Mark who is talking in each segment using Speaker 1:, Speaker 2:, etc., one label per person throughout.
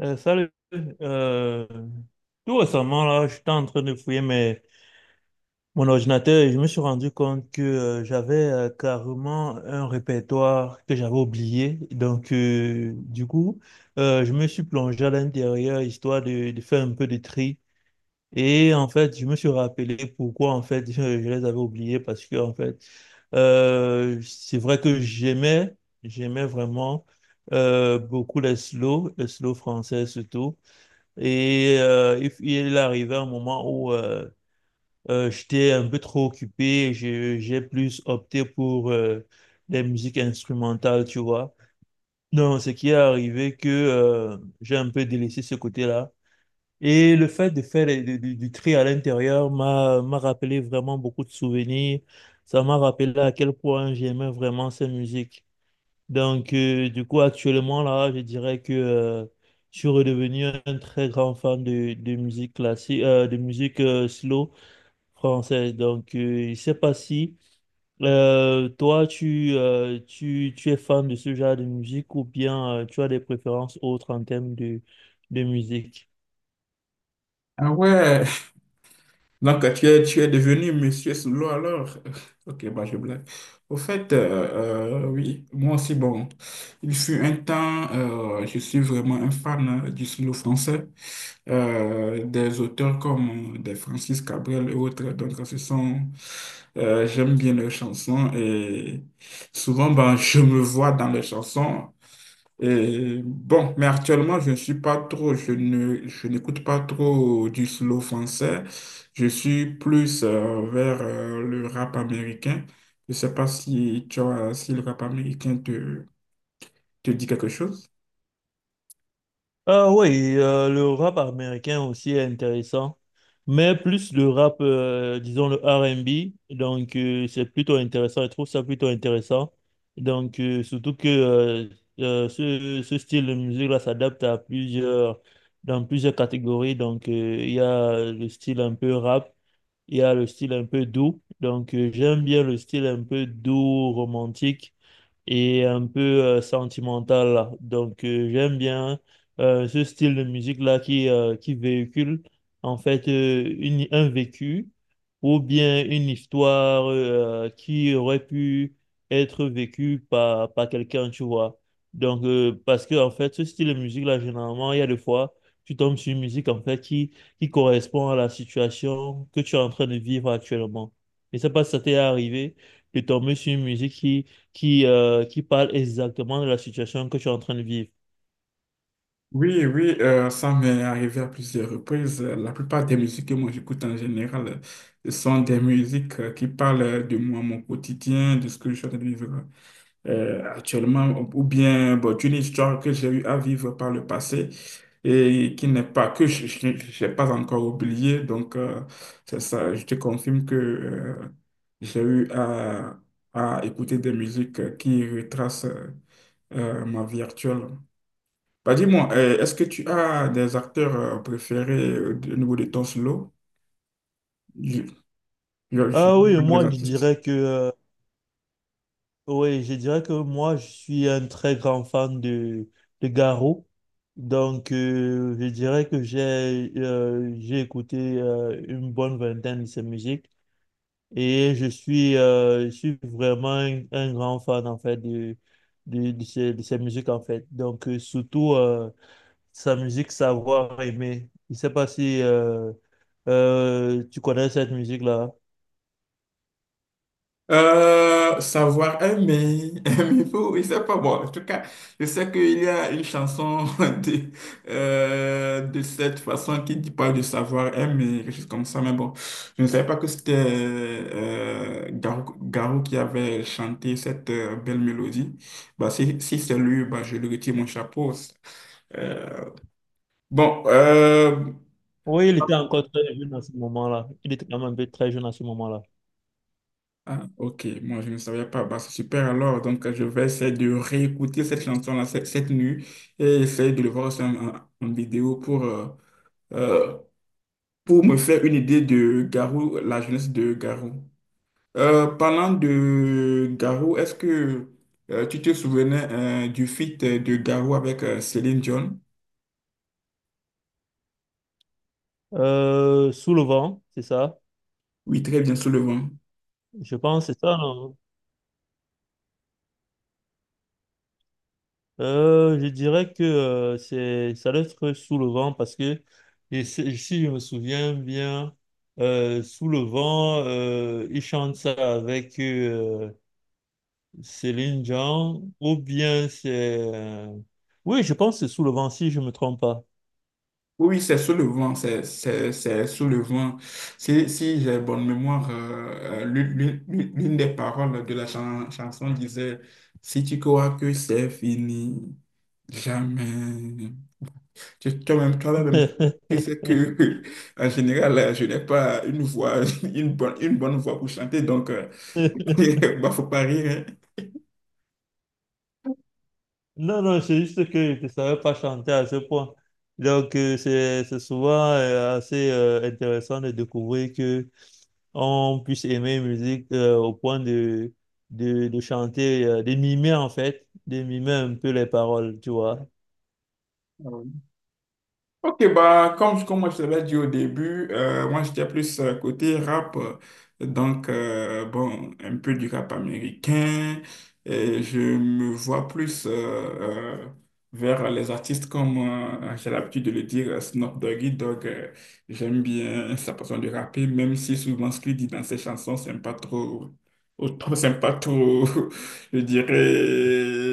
Speaker 1: Salut. Euh, Tout récemment, là, j'étais en train de fouiller mon ordinateur et je me suis rendu compte que j'avais carrément un répertoire que j'avais oublié. Donc, du coup, je me suis plongé à l'intérieur histoire de faire un peu de tri. Et en fait, je me suis rappelé pourquoi en fait je les avais oubliés parce que en fait, c'est vrai que j'aimais vraiment beaucoup les les slow français surtout. Et il est arrivé un moment où j'étais un peu trop occupé, j'ai plus opté pour des musiques instrumentales, tu vois. Donc, ce qui est arrivé, que j'ai un peu délaissé ce côté-là. Et le fait de faire du tri à l'intérieur m'a rappelé vraiment beaucoup de souvenirs. Ça m'a rappelé à quel point j'aimais vraiment cette musique. Donc, du coup, actuellement, là, je dirais que je suis redevenu un très grand fan de musique classique, de musique slow française. Donc, je ne sais pas si tu es fan de ce genre de musique ou bien tu as des préférences autres en termes de musique.
Speaker 2: Ah ouais, donc tu es devenu Monsieur Solo alors. Ok, bah je blague. Au fait, oui, moi aussi, bon, il fut un temps, je suis vraiment un fan du slow français, des auteurs comme des Francis Cabrel et autres. Donc, ce sont, j'aime bien leurs chansons et souvent, ben, je me vois dans leurs chansons. Et bon, mais actuellement, je ne suis pas trop, je ne, je n'écoute pas trop du slow français. Je suis plus vers le rap américain. Je ne sais pas si tu as, Si le rap américain te dit quelque chose.
Speaker 1: Ah oui, le rap américain aussi est intéressant, mais plus le rap, disons le R&B, donc c'est plutôt intéressant, je trouve ça plutôt intéressant. Donc surtout que ce style de musique-là s'adapte à plusieurs, dans plusieurs catégories, donc il y a le style un peu rap, il y a le style un peu doux, donc j'aime bien le style un peu doux, romantique et un peu sentimentale. Donc, j'aime bien ce style de musique-là qui véhicule en fait un vécu ou bien une histoire qui aurait pu être vécue par quelqu'un, tu vois. Donc, parce que en fait, ce style de musique-là, généralement, il y a des fois, tu tombes sur une musique en fait qui correspond à la situation que tu es en train de vivre actuellement. Je ne sais pas si ça t'est arrivé de tomber sur une musique qui parle exactement de la situation que tu es en train de vivre.
Speaker 2: Oui, oui, ça m'est arrivé à plusieurs reprises. La plupart des musiques que moi j'écoute en général sont des musiques qui parlent de moi, mon quotidien, de ce que je suis en train de vivre actuellement, ou bien bon, d'une histoire que j'ai eu à vivre par le passé et qui n'est pas, que je n'ai pas encore oubliée. Donc, c'est ça, je te confirme que j'ai eu à écouter des musiques qui retracent ma vie actuelle. Bah, dis-moi, est-ce que tu as des acteurs préférés au niveau de ton solo? Je- je-
Speaker 1: Ah oui,
Speaker 2: je- des
Speaker 1: moi je
Speaker 2: artistes.
Speaker 1: dirais que oui, je dirais que moi je suis un très grand fan de Garo. Donc je dirais que j'ai écouté une bonne vingtaine de ses musiques et je suis vraiment un grand fan en fait de ses musiques en fait. Donc surtout sa musique, savoir aimer. Je ne sais pas si tu connais cette musique-là.
Speaker 2: Savoir aimer, aimer faut, je sais pas moi. En tout cas, je sais qu'il y a une chanson de, de cette façon qui dit pas de savoir aimer, quelque chose comme ça, mais bon, je ne savais pas que c'était Garou, Garou qui avait chanté cette belle mélodie. Bah, si c'est lui, bah, je lui retire mon chapeau. Euh, Bon, euh,
Speaker 1: Oui, il était encore très jeune à ce moment-là. Il était quand même un peu très jeune à ce moment-là.
Speaker 2: ah, ok, moi je ne savais pas. Bah, c'est super alors. Donc, je vais essayer de réécouter cette nuit et essayer de le voir aussi en vidéo pour, euh, pour me faire une idée de Garou, la jeunesse de Garou. Parlant de Garou, est-ce que tu te souvenais du feat de Garou avec Céline Dion?
Speaker 1: Sous le vent, c'est ça.
Speaker 2: Oui, très bien, sous le vent.
Speaker 1: Je pense que c'est ça. Non. Je dirais que c'est ça doit être Sous le vent parce que si je me souviens bien, Sous le vent, il chante ça avec Céline Dion, ou bien c'est... euh, Oui, je pense que c'est Sous le vent, si je ne me trompe pas.
Speaker 2: Oui, oui, c'est soulevant, c'est soulevant. Si j'ai bonne mémoire, l'une des paroles de la chanson disait, si tu crois que c'est fini, jamais. Toi-même, toi-même, tu sais que, en général, je n'ai pas une voix, une bonne voix pour chanter, donc, bah, faut pas rire.
Speaker 1: Non, non, c'est juste que je ne savais pas chanter à ce point. Donc, c'est souvent assez intéressant de découvrir que on puisse aimer une musique au point de chanter, de mimer en fait, de mimer un peu les paroles, tu vois.
Speaker 2: Hein. Ok, bah, comme moi, je te l'avais dit au début, moi, j'étais plus côté rap. Donc, bon, un peu du rap américain. Et je me vois plus euh, vers les artistes comme, j'ai l'habitude de le dire, Snoop Doggy Dogg. J'aime bien sa façon de rapper, même si souvent ce qu'il dit dans ses chansons, c'est pas trop... au trop C'est pas trop, je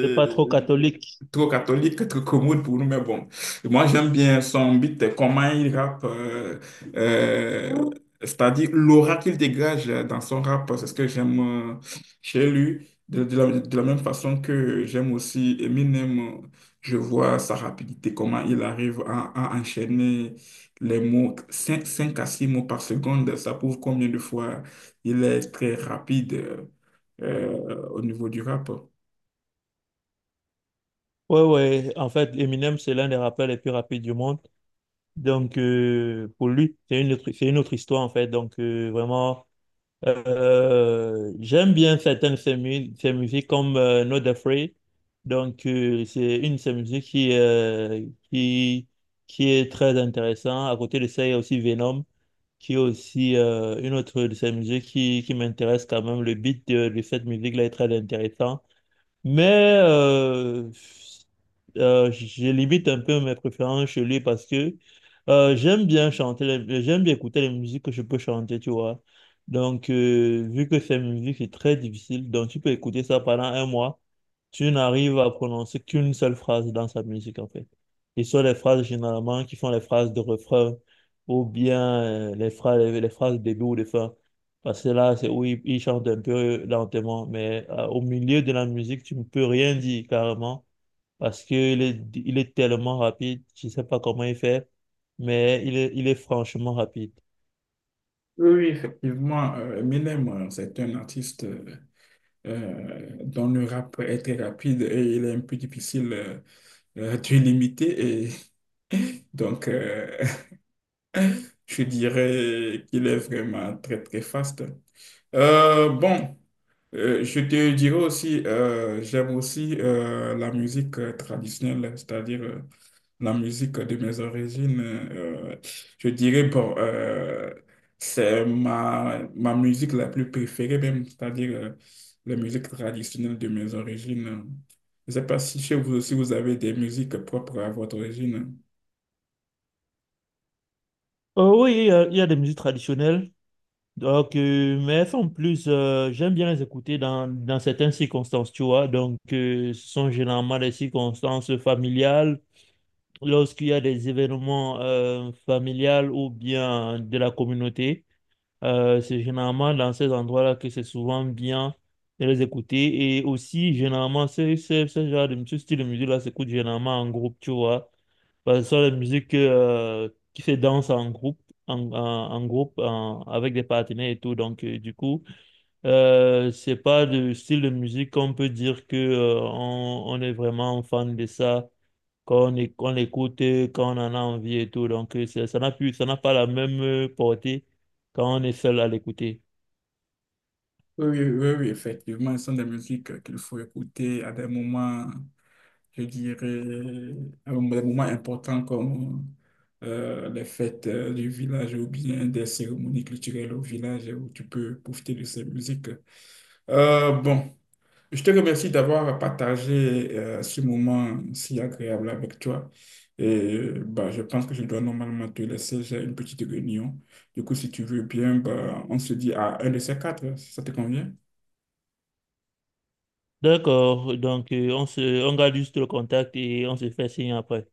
Speaker 1: C'est pas trop catholique.
Speaker 2: trop catholique, trop commode pour nous, mais bon. Moi, j'aime bien son beat, comment il rappe, euh, c'est-à-dire l'aura qu'il dégage dans son rap, c'est ce que j'aime chez lui. De la même façon que j'aime aussi Eminem, je vois sa rapidité, comment il arrive à enchaîner les mots, cinq à 6 mots par seconde, ça prouve combien de fois il est très rapide au niveau du rap.
Speaker 1: Ouais, ouais, en fait, Eminem, c'est l'un des rappeurs les plus rapides du monde. Donc, pour lui, c'est une autre histoire, en fait. Donc, vraiment, j'aime bien certaines de ses musiques, comme Not Afraid. Donc, c'est une de ses musiques qui est très intéressante. À côté de ça, il y a aussi Venom, qui est aussi une autre de ses musiques qui m'intéresse quand même. Le beat de cette musique-là est très intéressant. Mais j'ai limite un peu mes préférences chez lui parce que j'aime bien chanter, j'aime bien écouter les musiques que je peux chanter, tu vois. Donc, vu que ces musiques, c'est très difficile, donc tu peux écouter ça pendant un mois, tu n'arrives à prononcer qu'une seule phrase dans sa musique, en fait. Et ce sont les phrases généralement qui font les phrases de refrain ou bien les phrases de début ou de fin. Parce que là, c'est où il chante un peu lentement, mais au milieu de la musique, tu ne peux rien dire carrément, parce qu'il il est tellement rapide, je ne sais pas comment il fait, mais il il est franchement rapide.
Speaker 2: Oui, oui, effectivement, Eminem, c'est un artiste dont le rap est très rapide et il est un peu difficile de limiter. Et donc, je dirais qu'il est vraiment très, très fast. Euh, bon, je te dirais aussi, j'aime aussi la musique traditionnelle, c'est-à-dire la musique de mes origines. Je dirais, bon, c'est ma musique la plus préférée même, c'est-à-dire la musique traditionnelle de mes origines. Je ne sais pas si chez vous aussi vous avez des musiques propres à votre origine.
Speaker 1: Oui, il y a des musiques traditionnelles, donc, mais elles sont plus, j'aime bien les écouter dans certaines circonstances, tu vois, donc ce sont généralement des circonstances familiales, lorsqu'il y a des événements familiales ou bien de la communauté. C'est généralement dans ces endroits-là que c'est souvent bien de les écouter. Et aussi, généralement, ce genre ce style de musique-là s'écoute généralement en groupe, tu vois. Parce que ce sont les musiques qui se dansent en groupe, en groupe, avec des partenaires et tout. Donc, du coup, c'est pas de style de musique qu'on peut dire que on est vraiment fan de ça qu'on l'écoute quand on en a envie et tout. Donc, ça n'a plus, ça n'a pas la même portée quand on est seul à l'écouter.
Speaker 2: Oui, oui, oui, oui, effectivement, ce sont des musiques qu'il faut écouter à des moments. Je dirais, des moments importants comme les fêtes du village ou bien des cérémonies culturelles au village où tu peux profiter de ces musiques. Euh, bon, je te remercie d'avoir partagé ce moment si agréable avec toi. Et bah, je pense que je dois normalement te laisser, j'ai une petite réunion. Du coup, si tu veux bien, bah, on se dit à un de ces quatre, ça te convient?
Speaker 1: D'accord, donc on garde juste le contact et on se fait signe après.